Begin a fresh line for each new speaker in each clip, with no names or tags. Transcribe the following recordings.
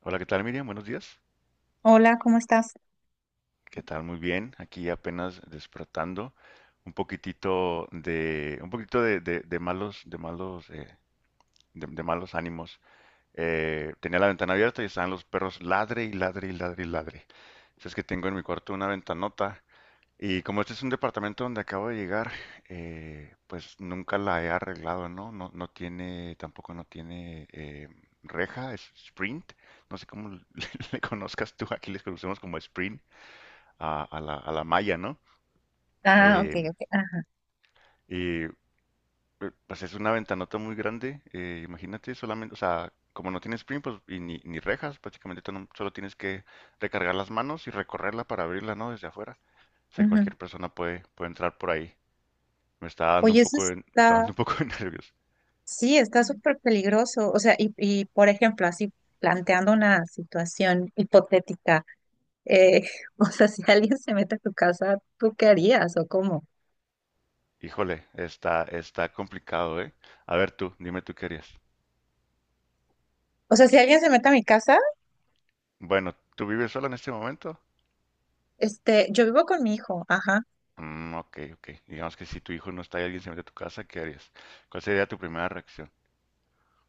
Hola, ¿qué tal, Miriam? Buenos días.
Hola, ¿cómo estás?
¿Qué tal? Muy bien. Aquí apenas despertando. Un poquitito de, un poquito de, De malos ánimos. Tenía la ventana abierta y estaban los perros ladre y ladre y ladre y ladre. Entonces que tengo en mi cuarto una ventanota y como este es un departamento donde acabo de llegar, pues nunca la he arreglado, ¿no? No, tampoco no tiene reja, es sprint. No sé cómo le, le conozcas tú, aquí les conocemos como sprint a la malla, ¿no?
Ah, ok,
Eh,
ok. Ajá.
y eh, pues es una ventanota muy grande, imagínate, solamente, o sea, como no tienes sprint pues, y ni rejas, prácticamente tú no- solo tienes que recargar las manos y recorrerla para abrirla, ¿no? Desde afuera. O sea,
Ujú.
cualquier persona puede entrar por ahí. Me está dando un
Oye, eso
poco de, me está dando
está,
un poco de nervios.
sí, está súper peligroso. O sea, y por ejemplo, así planteando una situación hipotética, eh, o sea, si alguien se mete a tu casa, ¿tú qué harías o cómo?
Híjole, está complicado, ¿eh? A ver tú, dime tú qué harías.
O sea, si alguien se mete a mi casa,
Bueno, ¿tú vives sola en este momento?
este, yo vivo con mi hijo, ajá.
Mm, ok, ok. Digamos que si tu hijo no está y alguien se mete a tu casa, ¿qué harías? ¿Cuál sería tu primera reacción?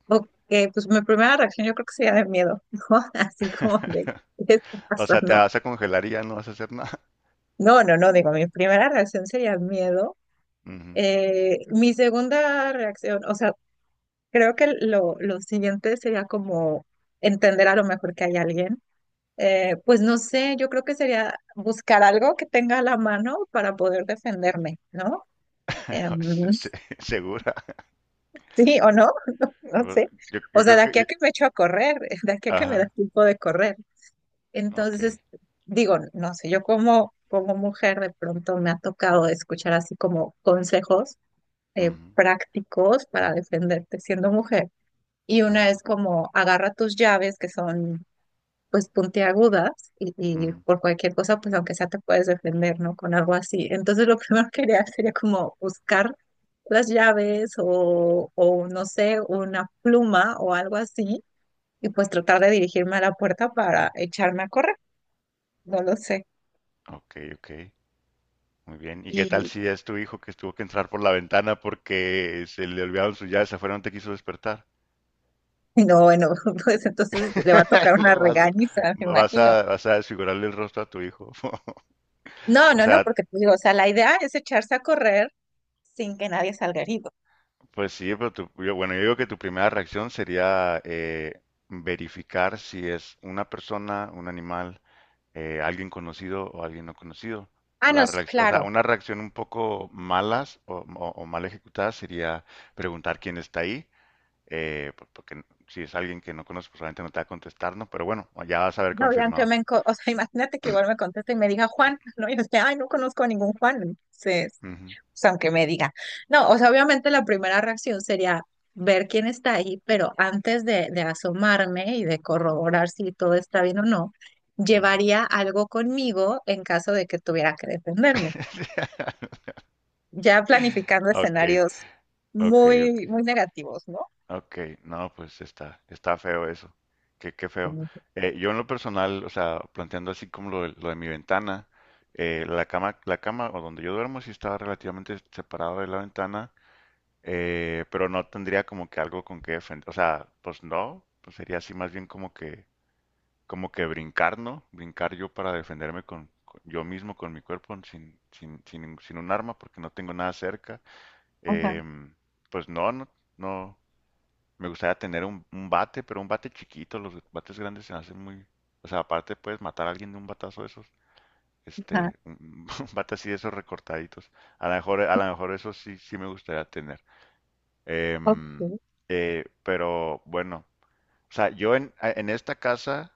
Ok, pues mi primera reacción yo creo que sería de miedo, ¿no? Así como de, ¿qué está
O sea, te
pasando?
vas a congelar y ya no vas a hacer nada.
No, no, no, digo, mi primera reacción sería miedo.
Ujú.
Mi segunda reacción, o sea, creo que lo siguiente sería como entender a lo mejor que hay alguien. Pues no sé, yo creo que sería buscar algo que tenga a la mano para poder defenderme, ¿no? Em,
Se- se- Segura.
sí o no, no, no
Pues,
sé.
Yo,
O
yo
sea, de
creo que...
aquí a
yo-
que me echo a correr, de aquí a que me da
Ajá,
tiempo de correr.
ok.
Entonces, digo, no sé, yo como, como mujer de pronto me ha tocado escuchar así como consejos
Ujú,
prácticos para defenderte siendo mujer. Y
ujú,
una es como agarra tus llaves que son pues puntiagudas y
ujú.
por cualquier cosa pues aunque sea te puedes defender, ¿no? Con algo así. Entonces lo primero que haría sería como buscar las llaves o no sé, una pluma o algo así y pues tratar de dirigirme a la puerta para echarme a correr, no lo sé.
Ok, ok. Muy bien. ¿Y qué tal
Y,
si es tu hijo que tuvo que entrar por la ventana porque se le olvidaron sus llaves afuera y no te quiso despertar?
y no, bueno, pues entonces le va a tocar una
Lo vas,
regañiza, me
vas
imagino.
a, vas a desfigurarle el rostro a tu hijo.
No,
O
no, no,
sea,
porque te digo, o sea, la idea es echarse a correr sin que nadie salga herido.
pues sí, pero bueno, yo digo que tu primera reacción sería verificar si es una persona, un animal, alguien conocido o alguien no conocido.
Ah, no, sí,
O sea,
claro.
una reacción un poco malas o mal ejecutada sería preguntar quién está ahí, porque si es alguien que no conoces, pues obviamente no te va a contestar, ¿no? Pero bueno, ya vas a haber
No, ya aunque
confirmado.
me, enco- o sea, imagínate que igual me conteste y me diga Juan, ¿no? Y yo sea, ay, no conozco a ningún Juan. Entonces,
Ujú,
o sea, aunque me diga. No, o sea, obviamente la primera reacción sería ver quién está ahí, pero antes de asomarme y de corroborar si todo está bien o no,
ujú.
llevaría algo conmigo en caso de que tuviera que defenderme. Ya planificando
Ok,
escenarios
ok, ok.
muy, muy negativos, ¿no?
Ok, no, pues está feo eso. Qué, qué feo. Yo en lo personal, o sea, planteando así como lo de mi ventana, la cama o donde yo duermo sí estaba relativamente separado de la ventana, pero no tendría como que algo con que defender. O sea, pues no, pues sería así más bien como que brincar, ¿no? Brincar yo para defenderme yo mismo, con mi cuerpo, sin un arma, porque no tengo nada cerca.
Ajá,
Em, pues no, no, no. Me gustaría tener un bate, pero un bate chiquito. Los bates grandes se me hacen muy. O sea, aparte puedes matar a alguien de un batazo de esos.
ajá.
Este, un, un bate así de esos recortaditos. A lo mejor eso sí, sí me gustaría tener.
Ok.
Em, pero bueno, o sea, yo en esta casa,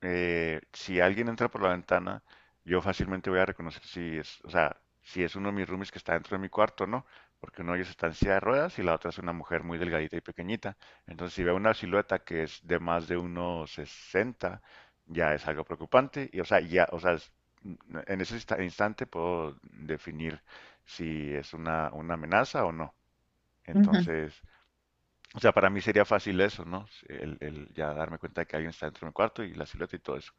si alguien entra por la ventana, yo fácilmente voy a reconocer si es, o sea, si es uno de mis roomies que está dentro de mi cuarto o no, porque uno de ellos está en silla de ruedas y la otra es una mujer muy delgadita y pequeñita. Entonces, si veo una silueta que es de más de unos 60, ya es algo preocupante y, o sea, ya, o sea, en ese instante puedo definir si es una amenaza o no.
Ujú.
Entonces, o sea, para mí sería fácil eso, ¿no? El ya darme cuenta de que alguien está dentro de mi cuarto y la silueta y todo eso.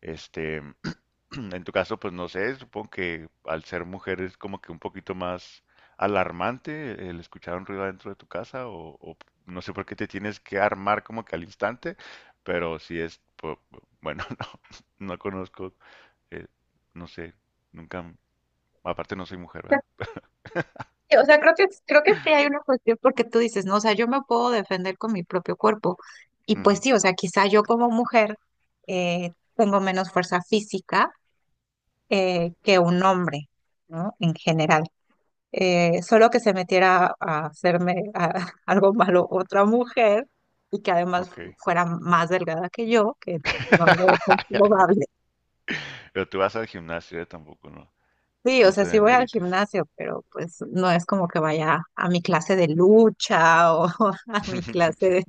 Este, en tu caso, pues no sé, supongo que al ser mujer es como que un poquito más alarmante el escuchar un ruido adentro de tu casa o no sé por qué te tienes que armar como que al instante, pero si es, po- bueno, no conozco, eh, no sé, nunca, aparte no soy mujer, ¿verdad?
O sea, creo que sí hay una cuestión porque tú dices, no, o sea, yo me puedo defender con mi propio cuerpo. Y pues
Ujú,
sí, o sea, quizá yo como mujer tengo menos fuerza física que un hombre, ¿no? En general. Solo que se metiera a hacerme a- algo malo otra mujer y que además
ok.
fuera más delgada que yo, que no lo veo comprobable.
Pero tú vas al gimnasio, tampoco, no,
Sí, o
no
sea,
te
sí voy al
demerites.
gimnasio, pero pues no es como que vaya a mi clase de lucha o a mi clase de,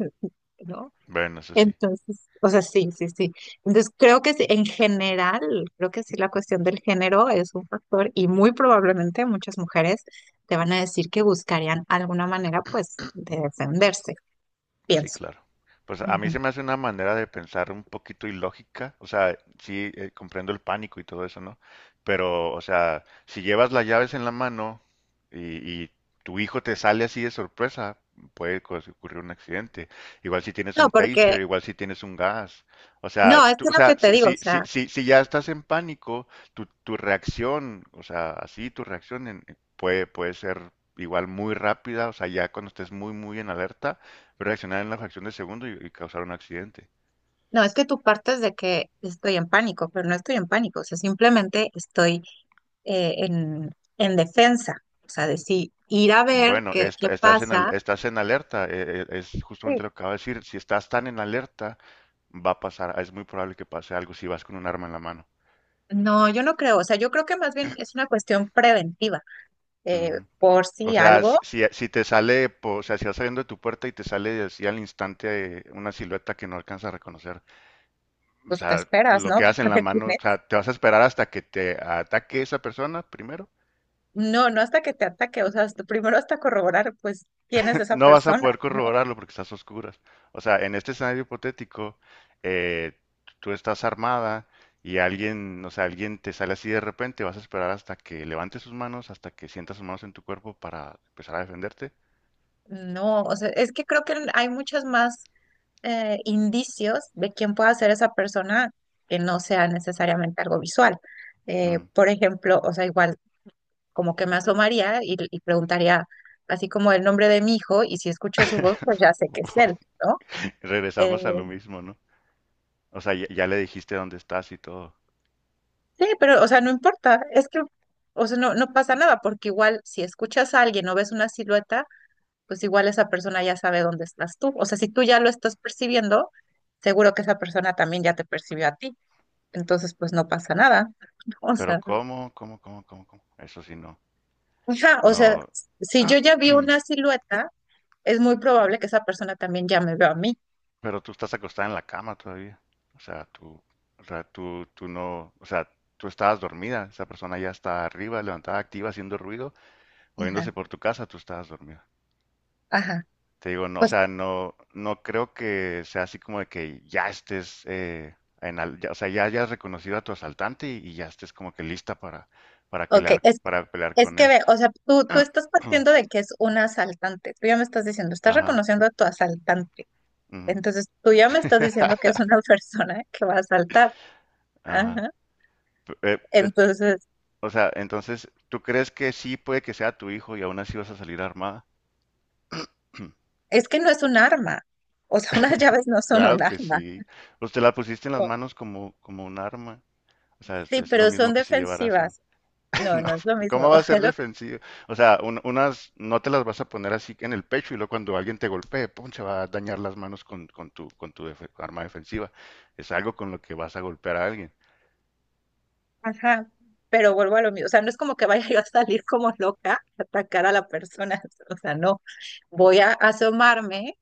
¿no?
Bueno, eso sí.
Entonces, o sea, sí, sí, sí. Entonces, creo que sí, en general, creo que sí la cuestión del género es un factor y muy probablemente muchas mujeres te van a decir que buscarían alguna manera, pues, de defenderse,
Sí,
pienso.
claro. Pues a mí
Ujú.
se me hace una manera de pensar un poquito ilógica, o sea, sí, comprendo el pánico y todo eso, ¿no? Pero, o sea, si llevas las llaves en la mano y tu hijo te sale así de sorpresa, puede ocurrir un accidente. Igual si tienes
No,
un
porque,
taser, igual si tienes un gas. O sea,
no, es que es
o
lo que
sea,
te
si,
digo, o
si, si,
sea,
si, si ya estás en pánico, tu reacción, o sea, así tu reacción puede ser igual muy rápida, o sea, ya cuando estés muy, muy en alerta reaccionar en la fracción de segundo y causar un accidente.
no, es que tú partes de que estoy en pánico, pero no estoy en pánico, o sea, simplemente estoy en defensa, o sea, de si ir a ver
Bueno,
qué, qué
estás
pasa.
estás en alerta, es
Sí,
justamente lo que acabo de decir. Si estás tan en alerta, va a pasar, es muy probable que pase algo si vas con un arma en la mano.
no, yo no creo, o sea, yo creo que más bien es una cuestión preventiva. eh,
Ujú.
por
O
si
sea,
algo,
si te sale, o sea, si vas saliendo de tu puerta y te sale así al instante una silueta que no alcanza a reconocer, o
pues te
sea,
esperas,
lo
¿no?
que haces en
Para
la
ver quién
mano, o
es.
sea, te vas a esperar hasta que te ataque esa persona primero.
No, no hasta que te ataque, o sea, hasta- primero hasta corroborar, pues, quién es esa
No vas a
persona,
poder
¿no?
corroborarlo porque estás a oscuras. O sea, en este escenario hipotético, eh, tú estás armada y alguien te sale así de repente, vas a esperar hasta que levante sus manos, hasta que sientas sus manos en tu cuerpo para empezar a defenderte.
No, o sea, es que creo que hay muchos más indicios de quién pueda ser esa persona que no sea necesariamente algo visual.
Mm.
Por ejemplo, o sea, igual como que me asomaría y preguntaría así como el nombre de mi hijo y si escucho su voz, pues ya sé que es él, ¿no? Eh,
Regresamos a lo mismo, ¿no? O sea, ya le dijiste dónde estás y todo.
sí, pero, o sea, no importa, es que, o sea, no, no pasa nada, porque igual si escuchas a alguien o ves una silueta, pues igual esa persona ya sabe dónde estás tú. O sea, si tú ya lo estás percibiendo, seguro que esa persona también ya te percibió a ti. Entonces, pues no pasa nada. O
Pero
sea,
¿cómo? ¿Cómo? ¿Cómo? ¿Cómo? ¿Cómo? Eso sí, no.
ajá, o sea,
No,
si yo ya vi una silueta, es muy probable que esa persona también ya me vea a mí.
pero tú estás acostada en la cama todavía. O sea, tú, o sea, tú no, o sea, tú estabas dormida. Esa persona ya está arriba, levantada, activa, haciendo ruido,
Ajá,
moviéndose por tu casa, tú estabas dormida.
ajá.
Te digo, no, o
Pues
sea, no creo que sea así como de que ya estés, o sea, ya hayas reconocido a tu asaltante y ya estés como que lista para
ok,
pelear, para pelear
es
con
que
él.
ve, o sea, tú estás partiendo de que es un asaltante. Tú ya me estás diciendo, estás
Ajá,
reconociendo a tu asaltante.
ujú,
Entonces, tú ya me estás diciendo que es una persona que va a asaltar.
ajá.
Ajá.
P- eh, eh, t-
Entonces,
o sea, entonces, ¿tú crees que sí puede que sea tu hijo y aún así vas a salir armada?
es que no es un arma. O sea, unas llaves no son un
Claro que
arma.
sí. Pues te la pusiste en las
No.
manos como un arma. O sea, es,
Sí,
es lo
pero
mismo
son
que si llevaras un.
defensivas. No,
No,
no es lo mismo.
¿cómo va a
Es
ser
lo-
defensivo? O sea, unas no te las vas a poner así en el pecho y luego cuando alguien te golpee, ¡pum! Se va a dañar las manos con tu arma defensiva. Es algo con lo que vas a golpear a alguien.
Ajá. Pero vuelvo a lo mismo. O sea, no es como que vaya yo a salir como loca a atacar a la persona. O sea, no. Voy a asomarme,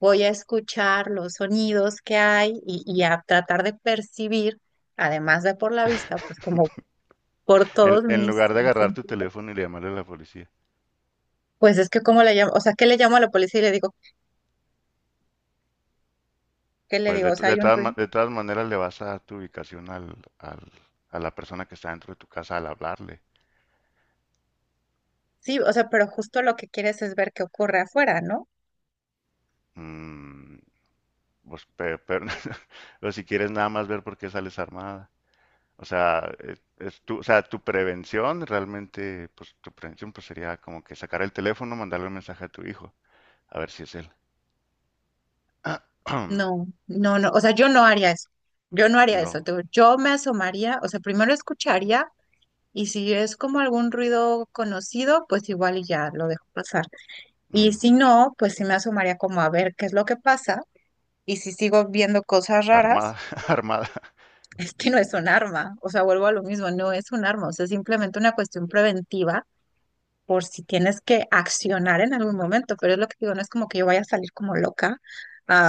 voy a escuchar los sonidos que hay y a tratar de percibir, además de por la vista, pues como por
En,
todos
en
mis
lugar de agarrar tu
sentidos.
teléfono y llamarle a la policía.
Pues es que cómo le llamo, o sea, ¿qué le llamo a la policía y le digo, qué le
Pues
digo? O sea, hay
de
un
todas
ruido.
de todas maneras le vas a dar tu ubicación a la persona que está dentro de tu casa al hablarle.
Sí, o sea, pero justo lo que quieres es ver qué ocurre afuera, ¿no?
Mm, pues, pero, pero si quieres nada más ver por qué sales armada. O sea, es tu, o sea, tu prevención realmente, pues tu prevención pues sería como que sacar el teléfono, mandarle un mensaje a tu hijo, a ver si es él.
No, no, no, o sea, yo no haría eso. Yo no haría eso.
No.
Te digo, yo me asomaría, o sea, primero escucharía y si es como algún ruido conocido, pues igual y ya lo dejo pasar. Y
mm,
si no, pues sí me asomaría como a ver qué es lo que pasa. Y si sigo viendo cosas raras,
Armada, armada.
es que no es un arma. O sea, vuelvo a lo mismo, no es un arma. O sea, es simplemente una cuestión preventiva por si tienes que accionar en algún momento. Pero es lo que digo, no es como que yo vaya a salir como loca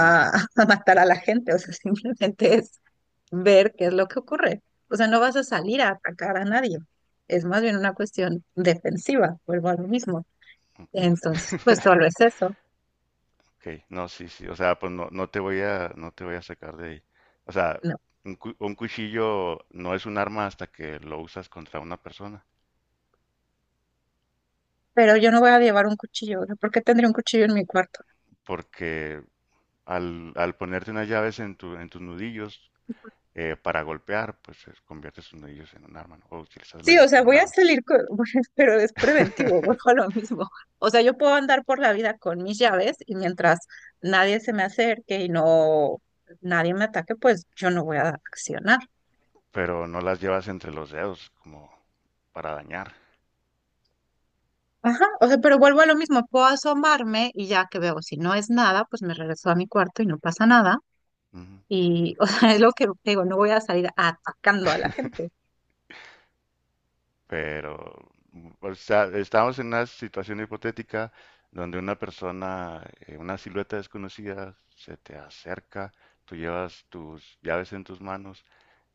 Mm,
a matar a la gente. O sea, simplemente es ver qué es lo que ocurre. O sea, no vas a salir a atacar a nadie. Es más bien una cuestión defensiva, vuelvo a lo mismo.
ok.
Entonces, pues solo es eso.
Ok, no, sí, sí. O sea, pues no, no te voy a sacar de ahí. O sea,
No.
un cuchillo no es un arma hasta que lo usas contra una persona.
Pero yo no voy a llevar un cuchillo. O sea, ¿por qué tendría un cuchillo en mi cuarto?
Porque al ponerte unas llaves en tus nudillos para golpear, pues conviertes tus nudillos en un arma, ¿no? O utilizas las
Sí, o
llaves
sea,
como un
voy a
arma.
salir con, pero es preventivo, vuelvo a lo mismo. O sea, yo puedo andar por la vida con mis llaves y mientras nadie se me acerque y nadie me ataque, pues yo no voy a accionar.
Pero no las llevas entre los dedos como para dañar.
Ajá, o sea, pero vuelvo a lo mismo, puedo asomarme y ya que veo, si no es nada, pues me regreso a mi cuarto y no pasa nada.
Ujú.
Y, o sea, es lo que digo, no voy a salir atacando a la gente.
Pero, o sea, estamos en una situación hipotética donde una persona, una silueta desconocida, se te acerca, tú llevas tus llaves en tus manos,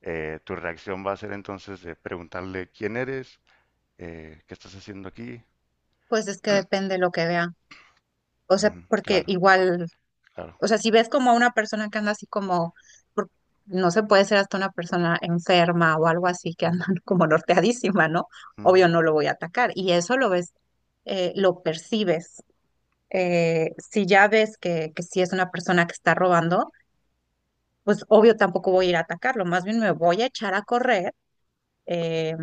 tu reacción va a ser entonces de preguntarle quién eres, qué estás haciendo aquí,
Pues es que depende de lo que vea. O sea,
ujú,
porque
claro,
igual
claro.
o sea, si ves como a una persona que anda así como, por- no se puede ser hasta una persona enferma o algo así que anda como norteadísima, ¿no? Obvio
Ujú,
no lo voy a atacar. Y eso lo ves, lo percibes. Si ya ves que si es una persona que está robando, pues obvio tampoco voy a ir a atacarlo. Más bien me voy a echar a correr, eh,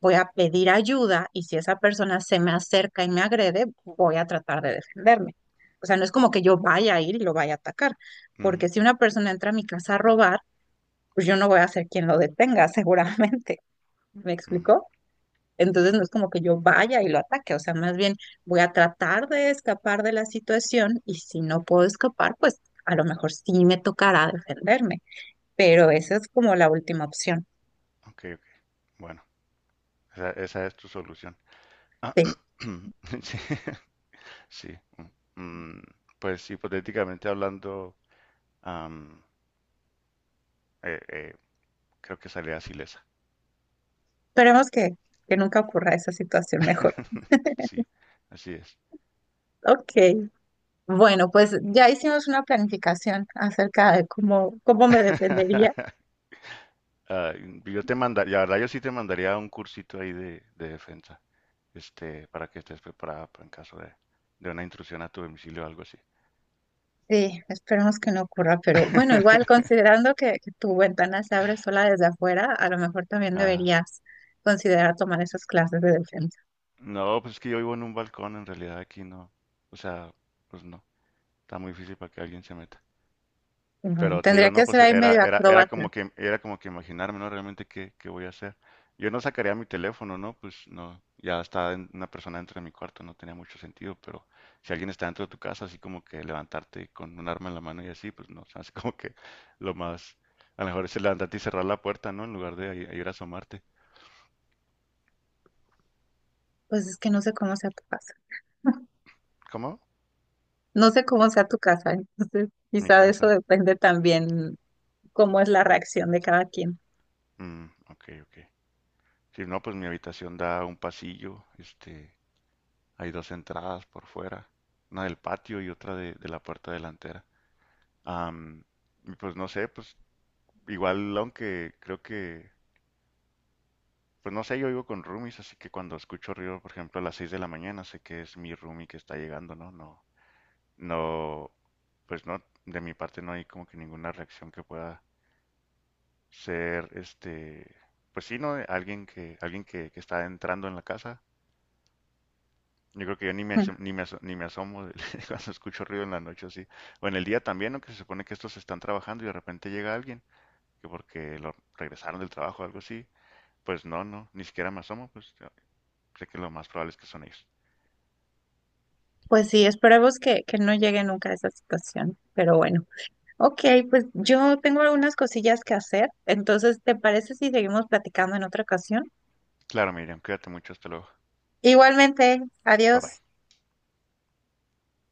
voy a pedir ayuda y si esa persona se me acerca y me agrede, voy a tratar de defenderme. O sea, no es como que yo vaya a ir y lo vaya a atacar, porque
ujú,
si una persona entra a mi casa a robar, pues yo no voy a ser quien lo detenga, seguramente. ¿Me
ujú.
explicó? Entonces
Sí,
no es como que yo vaya y lo ataque, o sea, más bien voy a tratar de escapar de la situación y si no puedo escapar, pues a lo mejor sí me tocará defenderme, pero
ok,
esa es como la última opción.
ok, ok. Bueno, esa es tu solución. Ah,
Sí.
sí, sí. Mm, Pues hipotéticamente hablando, am, eh, eh, creo que salía ilesa.
Esperemos que nunca ocurra esa situación mejor.
Sí, así es.
Ok, bueno, pues ya hicimos una planificación acerca de cómo, cómo me defendería.
Ah, yo te mandaría, la verdad yo sí te mandaría un cursito ahí de defensa, este, para que estés preparada para en caso de una intrusión a tu domicilio o algo así.
Sí, esperemos que no ocurra, pero bueno, igual considerando que tu ventana se abre sola desde afuera, a lo mejor también
Ajá.
deberías considerar tomar esas clases de defensa.
No, pues es que yo vivo en un balcón, en realidad aquí no. O sea, pues no. Está muy difícil para que alguien se meta.
Bueno,
Pero te digo,
tendría que
no,
ser
pues
ahí
era,
medio
era, era
acróbata.
como que, era como que imaginarme, ¿no? Realmente qué voy a hacer. Yo no sacaría mi teléfono, ¿no? Pues no, ya está una persona dentro de mi cuarto, no tenía mucho sentido, pero si alguien está dentro de tu casa, así como que levantarte con un arma en la mano y así, pues no, se me hace como que lo más, a lo mejor es levantarte y cerrar la puerta, ¿no? En lugar de ir a asomarte.
Pues es que no sé cómo sea tu casa.
¿Cómo?
No sé cómo sea tu casa, entonces
Mi
quizá de eso
casa.
depende también cómo es la reacción de cada quien.
Mm, ok, ok. Sí, no, pues mi habitación da a un pasillo, este, hay dos entradas por fuera, una del patio y otra de la puerta delantera. Am, y pues no sé, pues igual aunque creo que, pues no sé, yo vivo con roomies, así que cuando escucho ruido, por ejemplo, a las 6 de la mañana, sé que es mi roomie que está llegando, ¿no? No, no, pues no, de mi parte no hay como que ninguna reacción que pueda ser, este, pues sí, ¿no? Alguien que está entrando en la casa, yo creo que yo ni me asomo cuando escucho ruido en la noche así. O en el día también, no que se supone que estos están trabajando y de repente llega alguien, que porque lo regresaron del trabajo o algo así, pues no, no, ni siquiera me asomo, pues yo sé que lo más probable es que son ellos.
Pues sí, esperemos que no llegue nunca a esa situación, pero bueno. Ok, pues yo tengo algunas cosillas que hacer, entonces, ¿te parece si seguimos platicando en otra ocasión?
Claro, Miriam, cuídate mucho, hasta luego.
Igualmente,
Bye bye.
adiós.